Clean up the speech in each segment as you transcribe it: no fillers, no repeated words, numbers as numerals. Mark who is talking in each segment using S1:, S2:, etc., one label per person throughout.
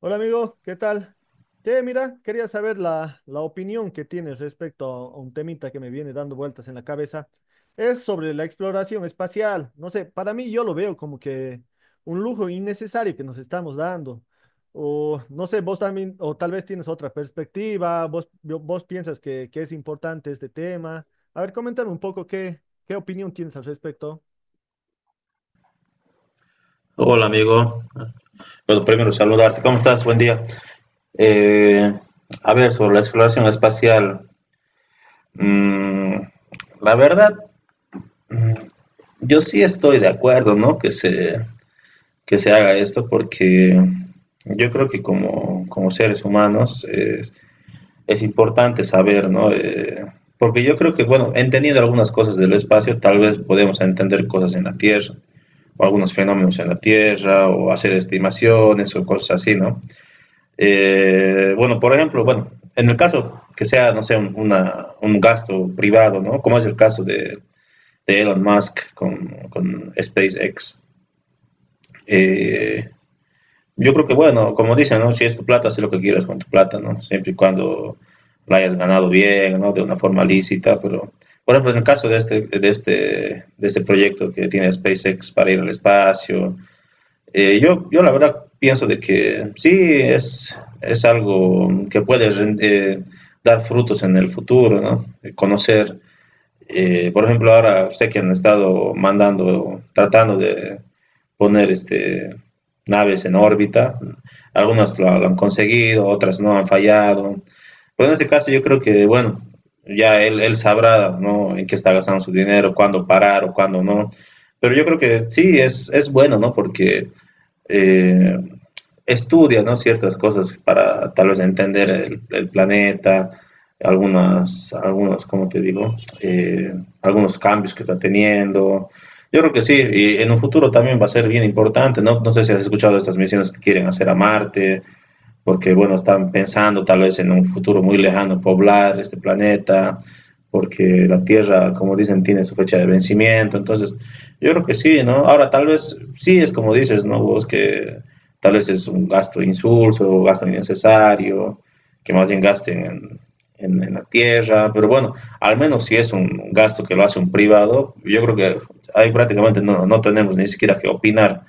S1: Hola amigo, ¿qué tal? Che, mira, quería saber la opinión que tienes respecto a un temita que me viene dando vueltas en la cabeza. Es sobre la exploración espacial. No sé, para mí yo lo veo como que un lujo innecesario que nos estamos dando. O no sé, vos también, o tal vez tienes otra perspectiva, vos, vos piensas que es importante este tema. A ver, coméntame un poco qué opinión tienes al respecto.
S2: Hola amigo, bueno, primero saludarte, ¿cómo estás? Buen día. Eh, a ver, sobre la exploración espacial, mm, la verdad, mm, yo sí estoy de acuerdo, ¿no? Que se haga esto porque yo creo que como seres humanos es importante saber, ¿no? Porque yo creo que, bueno, entendiendo algunas cosas del espacio, tal vez podemos entender cosas en la Tierra, o algunos fenómenos en la Tierra, o hacer estimaciones o cosas así, ¿no? Bueno, por ejemplo, bueno, en el caso que sea, no sé, un gasto privado, ¿no? Como es el caso de Elon Musk con SpaceX. Eh, yo creo que, bueno, como dicen, ¿no? Si es tu plata, haz lo que quieras con tu plata, ¿no? Siempre y cuando la hayas ganado bien, ¿no? De una forma lícita, pero... Por ejemplo, en el caso de este proyecto que tiene SpaceX para ir al espacio, yo la verdad pienso de que sí es, es algo que puede eh, dar frutos en el futuro, ¿no? Conocer, por ejemplo, ahora sé que han estado mandando, tratando de poner naves en órbita. Lo han conseguido, otras no han fallado. Pero en este caso yo creo que, bueno, ya él sabrá, ¿no?, en qué está gastando su dinero, cuándo parar o cuándo no. Pero yo creo que sí, es bueno, ¿no? Porque eh, estudia, ¿no?, ciertas cosas para tal vez entender el planeta, algunos, ¿como te digo? Algunos cambios que está teniendo. Yo creo que sí, y en un futuro también va a ser bien importante, ¿no? No sé si has escuchado de estas misiones que quieren hacer a Marte, porque bueno, están pensando tal vez en un futuro muy lejano poblar este planeta, porque la Tierra, como dicen, tiene su fecha de vencimiento. Entonces yo creo que sí, ¿no? Ahora tal vez sí es como dices, ¿no? Vos que tal vez es un gasto insulso, un gasto innecesario, que más bien gasten en la tierra, pero bueno, al menos si es un gasto que lo hace un privado, yo creo que ahí prácticamente no, no tenemos ni siquiera que opinar,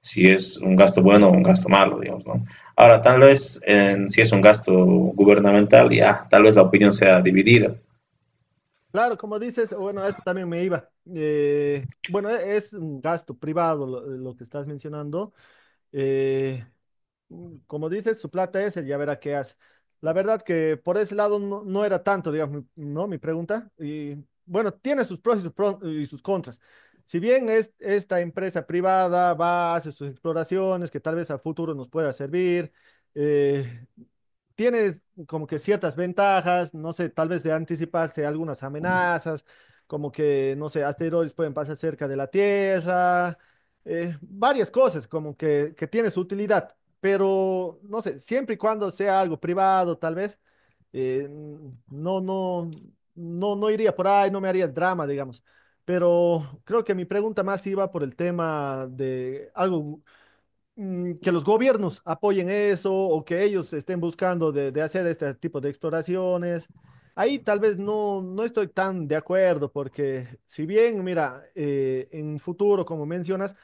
S2: si es un gasto bueno o un gasto malo, digamos, ¿no? Ahora, si es un gasto gubernamental, ya, tal vez la opinión sea dividida.
S1: Claro, como dices, bueno, eso también me iba. Bueno, es un gasto privado lo que estás mencionando. Eh, Como dices, su plata es, él ya verá qué hace. La verdad que por ese lado no era tanto, digamos, ¿no? Mi pregunta. Y bueno, tiene sus pros y sus contras. Si bien es, esta empresa privada va, hace sus exploraciones que tal vez a futuro nos pueda servir, eh, tiene como que ciertas ventajas, no sé, tal vez de anticiparse algunas amenazas, como que, no sé, asteroides pueden pasar cerca de la Tierra, varias cosas como que tiene su utilidad, pero no sé, siempre y cuando sea algo privado, tal vez, eh, no, no, no iría por ahí, no me haría el drama, digamos. Pero creo que mi pregunta más iba por el tema de algo que los gobiernos apoyen eso o que ellos estén buscando de hacer este tipo de exploraciones. Ahí tal vez no estoy tan de acuerdo porque si bien, mira, en futuro, como mencionas,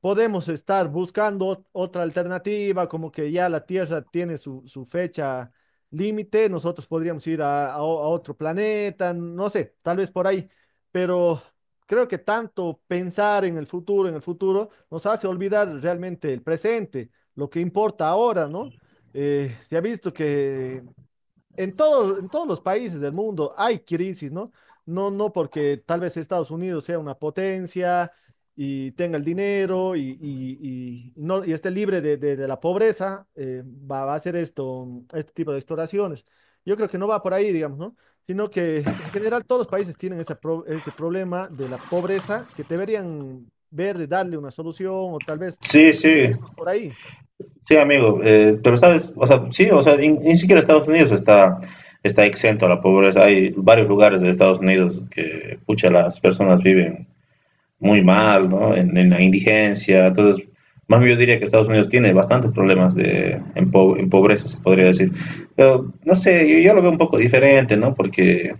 S1: podemos estar buscando otra alternativa, como que ya la Tierra tiene su fecha límite, nosotros podríamos ir a otro planeta, no sé, tal vez por ahí, pero creo que tanto pensar en el futuro, nos hace olvidar realmente el presente, lo que importa ahora, ¿no? Se ha visto que en todos los países del mundo hay crisis, ¿no? No porque tal vez Estados Unidos sea una potencia y tenga el dinero y no, y esté libre de la pobreza, va a hacer esto, este tipo de exploraciones. Yo creo que no va por ahí, digamos, ¿no? Sino que en general todos los países tienen ese problema de la pobreza que deberían ver de darle una solución o tal vez
S2: Sí, sí,
S1: irnos por ahí.
S2: sí, amigo, pero sabes, o sea, sí, o sea, ni siquiera Estados Unidos está exento a la pobreza. Hay varios lugares de Estados Unidos que, pucha, las personas viven muy mal, ¿no? En la indigencia. Entonces, más bien yo diría que Estados Unidos tiene bastantes problemas en pobreza, se podría decir. Pero, no sé, yo lo veo un poco diferente, ¿no? Porque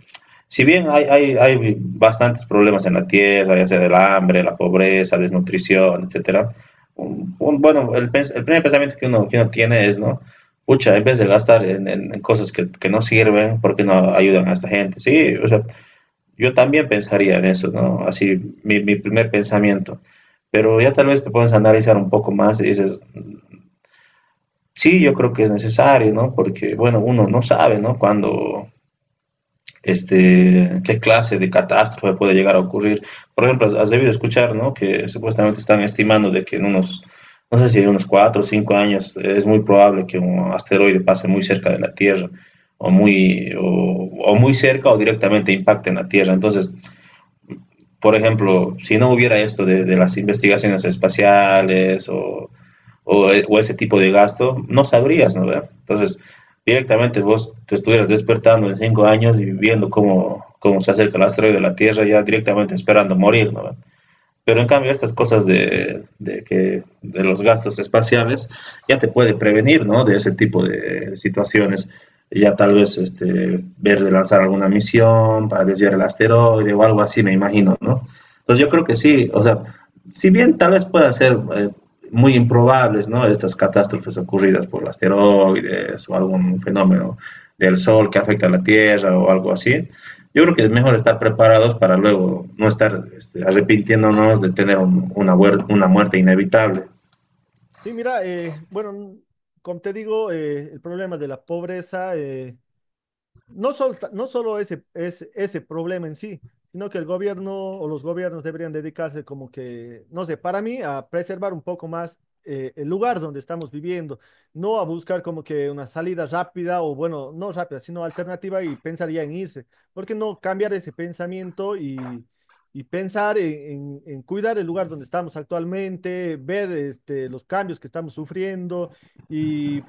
S2: si bien hay bastantes problemas en la tierra, ya sea del hambre, la pobreza, desnutrición, etcétera, bueno, el primer pensamiento que que uno tiene es, ¿no? Pucha, en vez de gastar en cosas que no sirven, ¿por qué no ayudan a esta gente? Sí, o sea, yo también pensaría en eso, ¿no? Así, mi primer pensamiento. Pero ya tal vez te puedes analizar un poco más y dices, sí, yo creo que es necesario, ¿no? Porque, bueno, uno no sabe, ¿no? Qué clase de catástrofe puede llegar a ocurrir. Por ejemplo, has debido escuchar, ¿no?, que supuestamente están estimando de que en unos, no sé si en unos 4 o 5 años, es muy probable que un asteroide pase muy cerca de la Tierra o muy, o, o muy cerca o directamente impacte en la Tierra. Entonces, por ejemplo, si no hubiera esto de las investigaciones espaciales ese tipo de gasto, no sabrías, ¿no?, ¿verdad? Entonces, directamente vos te estuvieras despertando en 5 años y viendo cómo se acerca el asteroide de la Tierra, ya directamente esperando morir, ¿no? Pero en cambio estas cosas de los gastos espaciales ya te puede prevenir, ¿no?, de ese tipo de situaciones. Ya tal vez este, ver de lanzar alguna misión para desviar el asteroide o algo así, me imagino, ¿no? Entonces yo creo que sí, o sea, si bien tal vez puedan ser muy improbables, ¿no?, estas catástrofes ocurridas por asteroides o algún fenómeno del Sol que afecta a la Tierra o algo así, yo creo que es mejor estar preparados para luego no estar este, arrepintiéndonos de tener una muerte inevitable.
S1: Sí, mira, bueno, como te digo, el problema de la pobreza no solo ese problema en sí, sino que el gobierno o los gobiernos deberían dedicarse como que, no sé, para mí, a preservar un poco más el lugar donde estamos viviendo, no a buscar como que una salida rápida o bueno, no rápida, sino alternativa y pensar ya en irse. ¿Por qué no cambiar ese pensamiento y pensar en cuidar el lugar donde estamos actualmente, ver este, los cambios que estamos sufriendo? y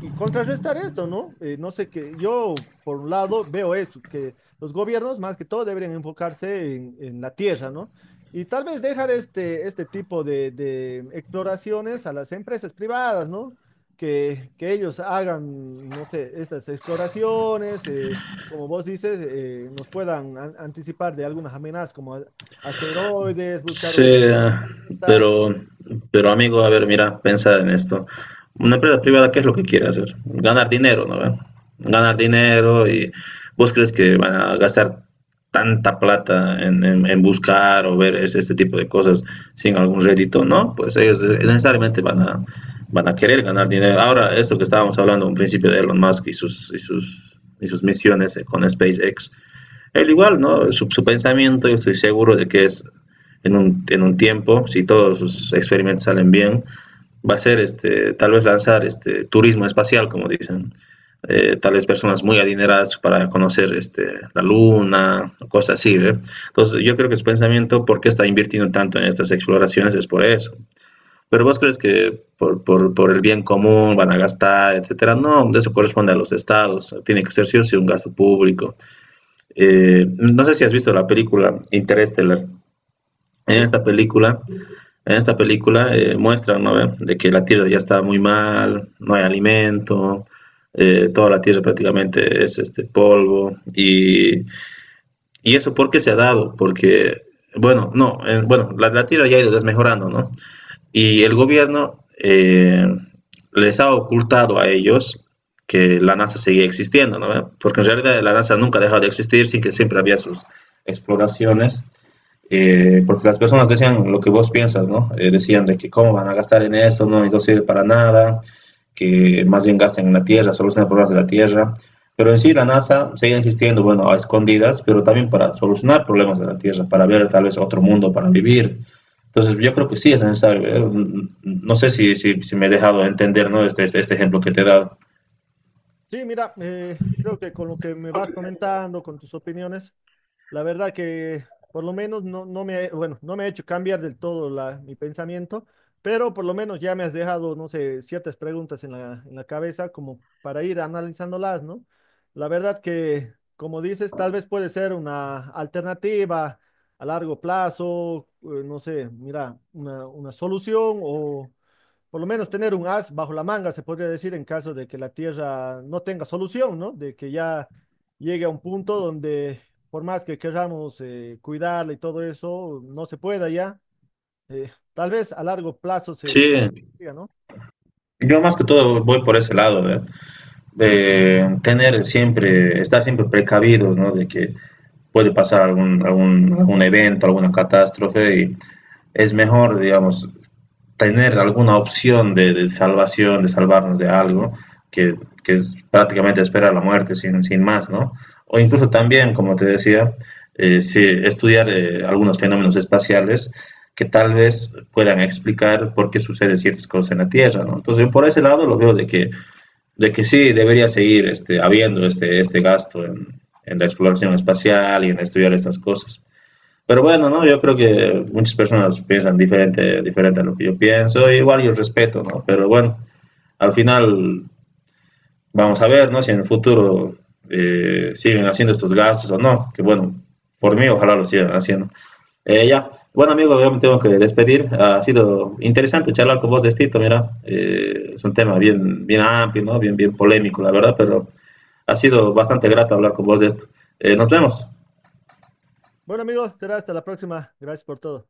S1: y contrarrestar esto, ¿no? No sé que yo, por un lado, veo eso, que los gobiernos más que todo deberían enfocarse en la tierra, ¿no? Y tal vez dejar este, este tipo de exploraciones a las empresas privadas, ¿no? Que ellos hagan, no sé, estas exploraciones, como vos dices, nos puedan anticipar de algunas amenazas como asteroides, buscar
S2: Sí,
S1: un planeta.
S2: pero, pero amigo, a ver, mira, piensa en esto. Una empresa privada, ¿qué es lo que quiere hacer? Ganar dinero, ¿no? ¿Ve? Ganar dinero, y vos crees que van a gastar tanta plata en buscar o ver este tipo de cosas sin algún rédito, ¿no? Pues ellos, necesariamente van a querer ganar dinero. Ahora, esto que estábamos hablando en principio de Elon Musk y sus misiones con SpaceX, él igual, ¿no? Su pensamiento, yo estoy seguro de que es en en un tiempo, si todos sus experimentos salen bien, va a ser este, tal vez lanzar este turismo espacial, como dicen. Tal vez personas muy adineradas para conocer este, la luna, cosas así. ¿Eh? Entonces, yo creo que su pensamiento, ¿por qué está invirtiendo tanto en estas exploraciones? Es por eso. Pero vos crees que por el bien común van a gastar, etcétera. No, eso corresponde a los estados. Tiene que ser sí o sí un gasto público. No sé si has visto la película Interstellar. En esta
S1: Sí,
S2: película, en esta película, muestran, ¿no?, de que la tierra ya está muy mal, no hay alimento, toda la tierra prácticamente es este polvo. Y eso, ¿por qué se ha dado? Porque, bueno, no, la tierra ya ha ido desmejorando, ¿no? Y el gobierno les ha ocultado a ellos que la NASA seguía existiendo, ¿no? Porque en realidad la NASA nunca ha dejado de existir, sin que siempre había sus exploraciones, porque las personas decían lo que vos piensas, ¿no? Decían de que cómo van a gastar en eso, no, no sirve para nada, que más bien gasten en la Tierra, solucionan problemas de la Tierra. Pero en sí la NASA sigue insistiendo, bueno, a escondidas, pero también para solucionar problemas de la Tierra, para ver tal vez otro mundo para vivir. Entonces yo creo que sí es necesario. No sé si me he dejado entender, ¿no? Este ejemplo que te he dado.
S1: sí, mira, creo que con lo que me vas comentando, con tus opiniones, la verdad que por lo menos bueno, no me ha hecho cambiar del todo la, mi pensamiento, pero por lo menos ya me has dejado, no sé, ciertas preguntas en en la cabeza como para ir analizándolas, ¿no? La verdad que, como dices, tal vez puede ser una alternativa a largo plazo, no sé, mira, una solución o por lo menos tener un as bajo la manga, se podría decir, en caso de que la Tierra no tenga solución, ¿no? De que ya llegue a un punto donde, por más que queramos cuidarla y todo eso, no se pueda ya. Tal vez a largo plazo se
S2: Sí,
S1: diga, ¿no?
S2: yo más que todo voy por ese lado, de tener siempre, estar siempre precavidos, ¿no? De que puede pasar algún evento, alguna catástrofe, y es mejor, digamos, tener alguna opción de salvación, de salvarnos de algo, que, que es prácticamente esperar la muerte sin más, ¿no? O incluso también, como te decía, sí, estudiar algunos fenómenos espaciales que tal vez puedan explicar por qué sucede ciertas cosas en la Tierra, ¿no? Entonces, yo por ese lado lo veo de que sí debería seguir este, habiendo este, este gasto en la exploración espacial y en estudiar estas cosas. Pero bueno, ¿no? Yo creo que muchas personas piensan diferente, diferente a lo que yo pienso, igual yo respeto, ¿no? Pero bueno, al final vamos a ver, ¿no? Si en el futuro siguen haciendo estos gastos o no, que bueno, por mí ojalá lo sigan haciendo. Ya, bueno amigo, yo me tengo que despedir. Ha sido interesante charlar con vos de esto, mira, es un tema bien, bien amplio, ¿no? Bien, bien polémico, la verdad, pero ha sido bastante grato hablar con vos de esto. Nos vemos.
S1: Bueno, amigos, será hasta la próxima. Gracias por todo.